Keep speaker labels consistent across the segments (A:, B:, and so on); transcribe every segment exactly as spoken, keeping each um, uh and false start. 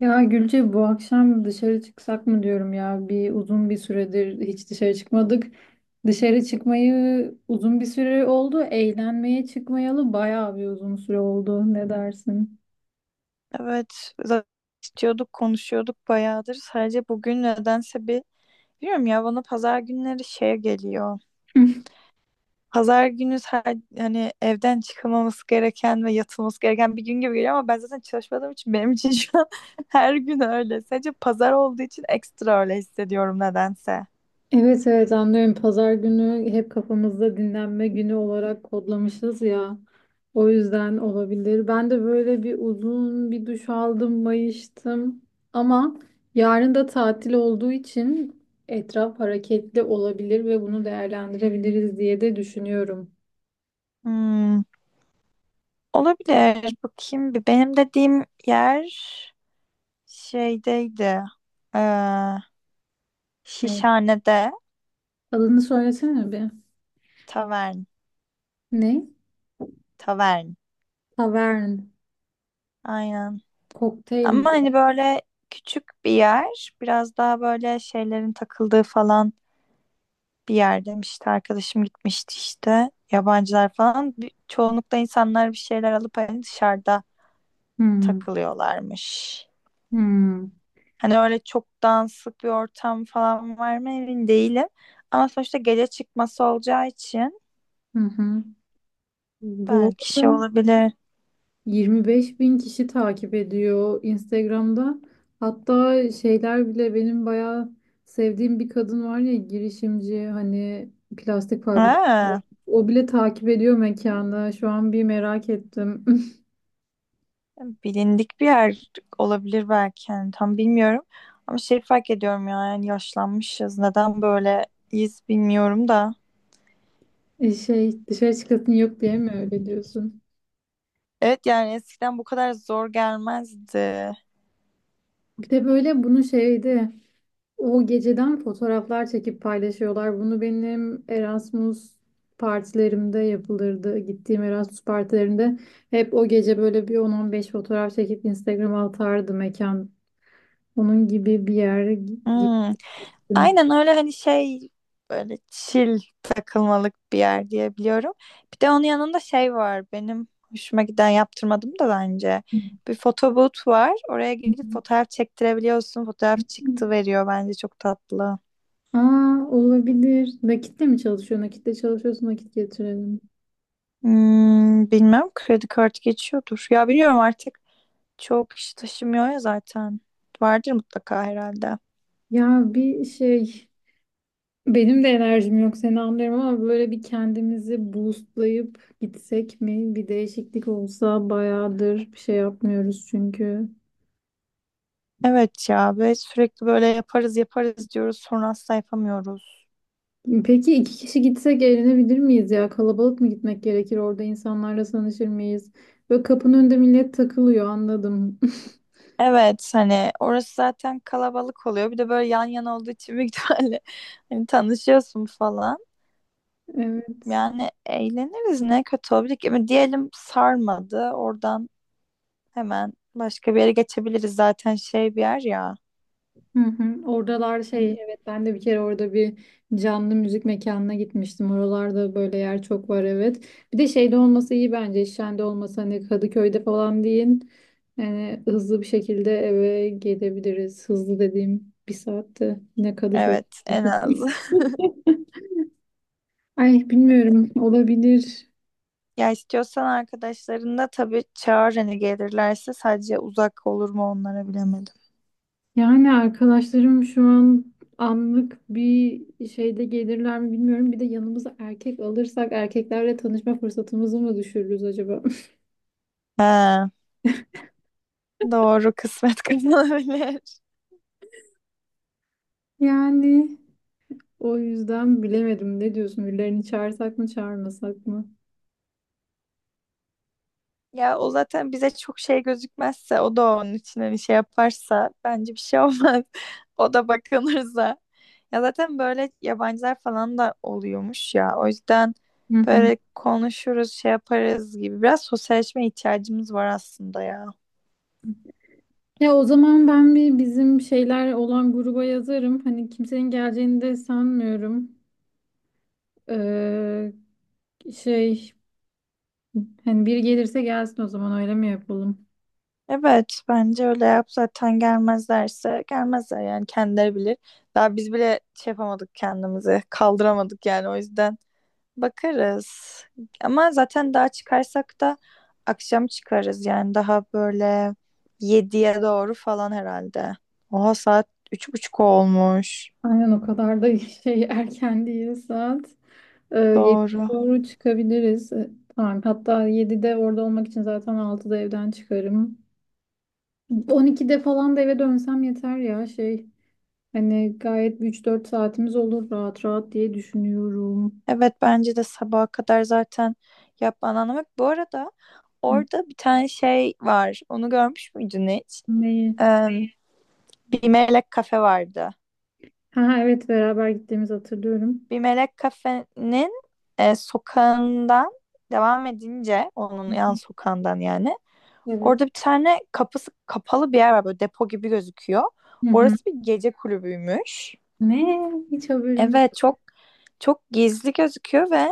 A: Ya Gülce bu akşam dışarı çıksak mı diyorum ya. Bir uzun bir süredir hiç dışarı çıkmadık. Dışarı çıkmayı uzun bir süre oldu. Eğlenmeye çıkmayalı bayağı bir uzun süre oldu. Ne dersin?
B: Evet, zaten istiyorduk, konuşuyorduk bayağıdır. Sadece bugün nedense bir bilmiyorum ya, bana pazar günleri şey geliyor. Pazar günü sa- hani evden çıkılmaması gereken ve yatılması gereken bir gün gibi geliyor, ama ben zaten çalışmadığım için benim için şu an her gün öyle. Sadece pazar olduğu için ekstra öyle hissediyorum nedense.
A: Evet, evet, anlıyorum. Pazar günü hep kafamızda dinlenme günü olarak kodlamışız ya. O yüzden olabilir. Ben de böyle bir uzun bir duş aldım, mayıştım. Ama yarın da tatil olduğu için etraf hareketli olabilir ve bunu değerlendirebiliriz diye de düşünüyorum.
B: Hmm, olabilir. Bakayım bir. Benim dediğim yer şeydeydi. Ee,
A: Evet.
B: Şişhane'de
A: Adını söylesene bir.
B: tavern.
A: Ne?
B: Tavern.
A: Tavern.
B: Aynen.
A: Kokteyl mi?
B: Ama hani böyle küçük bir yer, biraz daha böyle şeylerin takıldığı falan bir yer demişti. Arkadaşım gitmişti işte. Yabancılar falan. Bir- Çoğunlukla insanlar bir şeyler alıp hani dışarıda
A: Hmm.
B: takılıyorlarmış.
A: Hmm.
B: Hani öyle çok danslık bir ortam falan var mı emin değilim. Ama sonuçta gece çıkması olacağı için
A: Hı hı. Bu
B: belki şey
A: arada
B: olabilir.
A: yirmi beş bin kişi takip ediyor Instagram'da. Hatta şeyler bile benim bayağı sevdiğim bir kadın var ya, girişimci, hani plastik fabrikası.
B: Ha.
A: O bile takip ediyor mekanı. Şu an bir merak ettim.
B: Bilindik bir yer olabilir belki, yani tam bilmiyorum. Ama şey fark ediyorum ya, yani yaşlanmışız. Neden böyleyiz bilmiyorum da.
A: E, Şey dışarı çıkasın yok diye mi öyle diyorsun?
B: Evet, yani eskiden bu kadar zor gelmezdi.
A: Bir de böyle bunu şeydi. O geceden fotoğraflar çekip paylaşıyorlar. Bunu benim Erasmus partilerimde yapılırdı. Gittiğim Erasmus partilerinde hep o gece böyle bir on on beş fotoğraf çekip Instagram'a atardı mekan. Onun gibi bir yere gi-
B: Hmm.
A: gittim.
B: Aynen öyle, hani şey, böyle chill takılmalık bir yer diye biliyorum. Bir de onun yanında şey var benim hoşuma giden, yaptırmadım da bence. Bir fotoboot var. Oraya gidip fotoğraf çektirebiliyorsun. Fotoğraf çıktı veriyor, bence çok tatlı.
A: Aa, olabilir. Nakitle mi çalışıyor? Nakitle çalışıyorsun, nakit getirelim.
B: Hmm, bilmem, kredi kartı geçiyordur. Ya biliyorum, artık çok kişi taşımıyor ya zaten. Vardır mutlaka herhalde.
A: Ya bir şey Benim de enerjim yok, seni anlıyorum ama böyle bir kendimizi boostlayıp gitsek mi? Bir değişiklik olsa, bayağıdır bir şey yapmıyoruz çünkü.
B: Evet ya, ve sürekli böyle yaparız yaparız diyoruz, sonra asla yapamıyoruz.
A: Peki iki kişi gitsek eğlenebilir miyiz ya? Kalabalık mı gitmek gerekir? Orada insanlarla tanışır mıyız? Böyle kapının önünde millet takılıyor, anladım.
B: Evet, hani orası zaten kalabalık oluyor. Bir de böyle yan yana olduğu için büyük ihtimalle hani tanışıyorsun falan.
A: Evet.
B: Yani eğleniriz, ne kötü olabilir ki. Ama diyelim sarmadı, oradan hemen başka bir yere geçebiliriz zaten, şey bir yer ya.
A: Hı hı. Oradalar şey,
B: Hani
A: evet, ben de bir kere orada bir canlı müzik mekanına gitmiştim. Oralarda böyle yer çok var, evet. Bir de şeyde olması iyi bence. Şende olması, hani Kadıköy'de falan değil. Yani hızlı bir şekilde eve gelebiliriz. Hızlı dediğim bir saatte yine Kadıköy.
B: evet, en az.
A: Ay, bilmiyorum, olabilir.
B: Ya istiyorsan arkadaşlarını da tabii çağır, hani gelirlerse. Sadece uzak olur mu onlara, bilemedim.
A: Yani arkadaşlarım şu an anlık bir şeyde gelirler mi bilmiyorum. Bir de yanımıza erkek alırsak, erkeklerle tanışma fırsatımızı mı düşürürüz acaba?
B: He, doğru, kısmet kazanabilir.
A: Yani o yüzden bilemedim. Ne diyorsun? Birilerini çağırsak mı, çağırmasak mı?
B: Ya o zaten bize çok şey gözükmezse, o da onun için hani şey yaparsa bence bir şey olmaz. O da bakılırsa. Ya zaten böyle yabancılar falan da oluyormuş ya. O yüzden
A: Hı hı.
B: böyle konuşuruz, şey yaparız gibi. Biraz sosyalleşme ihtiyacımız var aslında ya.
A: Ya o zaman ben bir bizim şeyler olan gruba yazarım. Hani kimsenin geleceğini de sanmıyorum. Ee, şey, hani biri gelirse gelsin, o zaman öyle mi yapalım?
B: Evet, bence öyle yap, zaten gelmezlerse gelmezler, yani kendileri bilir. Daha biz bile şey yapamadık, kendimizi kaldıramadık yani, o yüzden. Bakarız. Ama zaten daha çıkarsak da akşam çıkarız, yani daha böyle yediye doğru falan herhalde. Oha, saat üç buçuk olmuş.
A: Aynen, o kadar da şey erken değil saat. Ee, yediye
B: Doğru.
A: doğru çıkabiliriz. Ee, Tamam. Hatta yedide orada olmak için zaten altıda evden çıkarım. on ikide falan da eve dönsem yeter ya şey. Hani gayet üç dört saatimiz olur rahat rahat diye düşünüyorum.
B: Evet, bence de sabaha kadar zaten yapman anlamak. Bu arada
A: Hı.
B: orada bir tane şey var. Onu görmüş müydün hiç?
A: Neyi?
B: Ee, bir melek kafe vardı.
A: Ha, ha, evet, beraber gittiğimizi hatırlıyorum.
B: Bir melek kafenin e, sokağından devam edince, onun
A: Hı
B: yan
A: hı.
B: sokağından yani.
A: Evet.
B: Orada bir tane kapısı kapalı bir yer var, böyle depo gibi gözüküyor.
A: Hı hı.
B: Orası bir gece kulübüymüş.
A: Ne? Hiç haberim yok.
B: Evet, çok çok gizli gözüküyor ve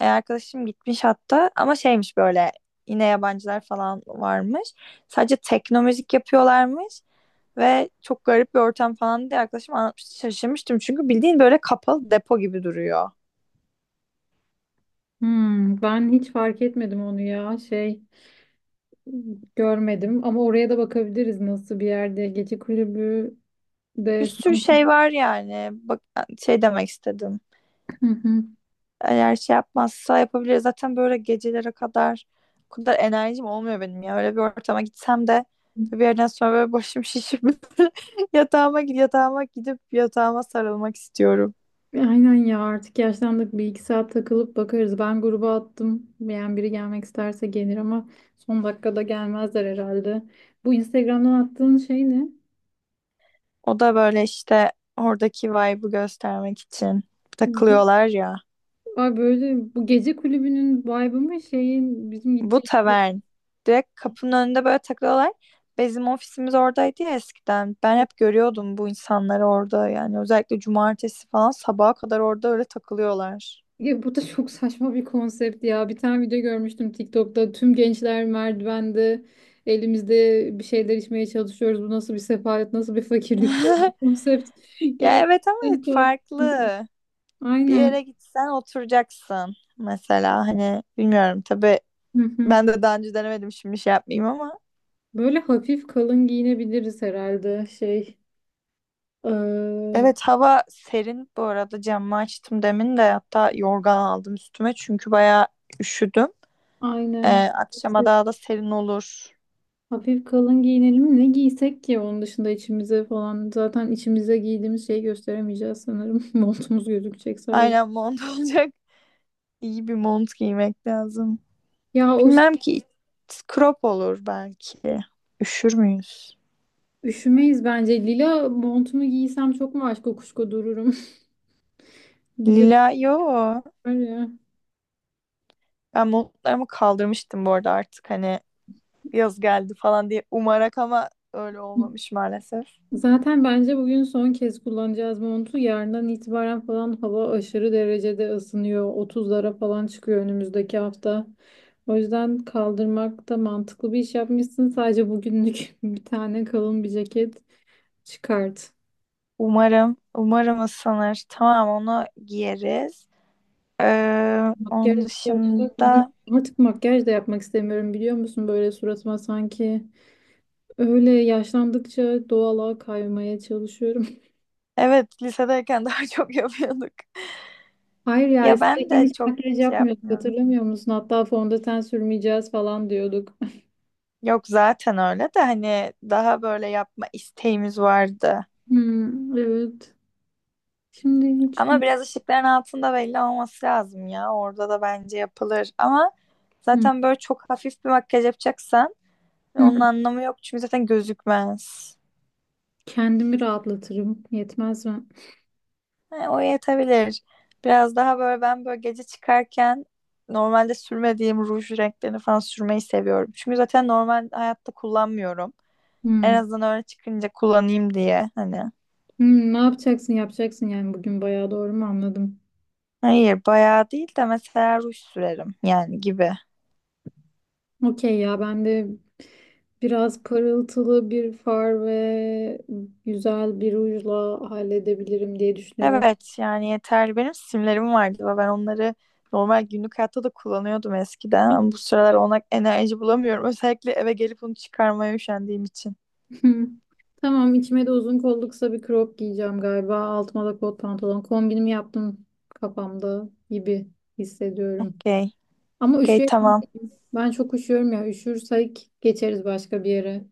B: e, arkadaşım gitmiş hatta, ama şeymiş böyle, yine yabancılar falan varmış. Sadece tekno müzik yapıyorlarmış ve çok garip bir ortam falan diye arkadaşım anlatmıştı. Şaşırmıştım çünkü bildiğin böyle kapalı depo gibi duruyor.
A: Hmm, ben hiç fark etmedim onu ya şey. Görmedim ama oraya da bakabiliriz nasıl bir yerde. Gece kulübü
B: Bir
A: de
B: sürü
A: sanki.
B: şey var yani. Bak, şey demek istedim.
A: Hı hı.
B: Eğer şey yapmazsa yapabiliriz. Zaten böyle gecelere kadar o kadar enerjim olmuyor benim ya. Öyle bir ortama gitsem de bir yerden sonra böyle başım şişip yatağıma gidip yatağıma gidip yatağıma sarılmak istiyorum.
A: Aynen ya, artık yaşlandık, bir iki saat takılıp bakarız. Ben gruba attım. Yani biri gelmek isterse gelir ama son dakikada gelmezler herhalde. Bu Instagram'dan attığın şey ne?
B: O da böyle işte oradaki vibe'ı göstermek için
A: Bu-
B: takılıyorlar ya.
A: Ay böyle bu gece kulübünün vibe'ı mı, şeyin bizim
B: Bu
A: gideceğimiz.
B: tavern. Direkt kapının önünde böyle takılıyorlar. Bizim ofisimiz oradaydı ya eskiden. Ben hep görüyordum bu insanları orada. Yani özellikle cumartesi falan sabaha kadar orada öyle takılıyorlar.
A: Ya bu da çok saçma bir konsept ya. Bir tane video görmüştüm TikTok'ta. Tüm gençler merdivende, elimizde bir şeyler, içmeye çalışıyoruz. Bu nasıl bir sefalet, nasıl bir fakirlik diye bir konsept.
B: Ya evet, ama
A: Gerçekten tuhaf bir konsept.
B: farklı. Bir
A: Aynen.
B: yere gitsen oturacaksın. Mesela hani bilmiyorum tabii,
A: Hı hı.
B: ben de daha önce denemedim, şimdi şey yapmayayım ama.
A: Böyle hafif kalın giyinebiliriz herhalde. Şey, eee,
B: Evet, hava serin, bu arada camı açtım demin de hatta, yorgan aldım üstüme çünkü bayağı üşüdüm. Ee,
A: aynen.
B: akşama daha da serin olur.
A: Hafif kalın giyinelim. Ne giysek ki onun dışında, içimize falan. Zaten içimize giydiğimiz şeyi gösteremeyeceğiz sanırım. Montumuz gözükecek sadece.
B: Aynen, mont olacak. İyi bir mont giymek lazım.
A: Ya o
B: Bilmem ki, crop olur belki. Üşür müyüz?
A: Üşümeyiz bence. Lila montumu giysem çok mu aşk kokuşko dururum. Lila
B: Lila yo.
A: var ya.
B: Ben montlarımı kaldırmıştım bu arada, artık hani yaz geldi falan diye umarak, ama öyle olmamış maalesef.
A: Zaten bence bugün son kez kullanacağız montu. Yarından itibaren falan hava aşırı derecede ısınıyor. otuzlara falan çıkıyor önümüzdeki hafta. O yüzden kaldırmak da mantıklı bir iş yapmışsın. Sadece bugünlük bir tane kalın bir ceket çıkart.
B: Umarım, umarım ısınır. Tamam, onu giyeriz. Ee,
A: Makyaj
B: onun
A: yapmak mı? Hiç-
B: dışında
A: Artık makyaj da yapmak istemiyorum, biliyor musun? Böyle suratıma sanki. Öyle yaşlandıkça doğala kaymaya çalışıyorum.
B: evet, lisedeyken daha çok yapıyorduk.
A: Hayır ya,
B: Ya ben
A: eskiden
B: de
A: hiç
B: çok
A: makyaj
B: şey
A: yapmıyorduk,
B: yapmıyorum.
A: hatırlamıyor musun? Hatta fondöten sürmeyeceğiz falan diyorduk.
B: Yok zaten, öyle de hani daha böyle yapma isteğimiz vardı.
A: Hmm, evet. Şimdi hiç.
B: Ama biraz ışıkların altında belli olması lazım ya. Orada da bence yapılır. Ama
A: Hmm,
B: zaten böyle çok hafif bir makyaj yapacaksan
A: hmm.
B: onun anlamı yok, çünkü zaten gözükmez.
A: Kendimi rahatlatırım. Yetmez mi?
B: He, o yetebilir. Biraz daha böyle, ben böyle gece çıkarken normalde sürmediğim ruj renklerini falan sürmeyi seviyorum. Çünkü zaten normal hayatta kullanmıyorum. En
A: Hmm.
B: azından öyle çıkınca kullanayım diye hani.
A: Hmm, ne yapacaksın yapacaksın yani bugün, bayağı doğru mu anladım?
B: Hayır, bayağı değil de mesela ruj sürerim yani gibi.
A: Okey ya, ben de biraz parıltılı bir far ve güzel bir rujla halledebilirim diye düşünüyorum.
B: Evet yani, yeterli. Benim simlerim vardı ve ben onları normal günlük hayatta da kullanıyordum eskiden. Ama bu sıralar ona enerji bulamıyorum. Özellikle eve gelip onu çıkarmaya üşendiğim için.
A: Hı. Tamam, içime de uzun kollu kısa bir crop giyeceğim galiba. Altıma da kot pantolon. Kombinimi yaptım kafamda gibi hissediyorum.
B: Okey.
A: Ama
B: Okey,
A: üşüyor.
B: tamam.
A: Ben çok üşüyorum ya. Üşürsek geçeriz başka bir yere.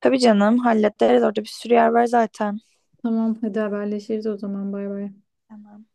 B: Tabii canım, hallederiz. Orada bir sürü yer var zaten.
A: Tamam, hadi haberleşiriz o zaman. Bay bay.
B: Tamam.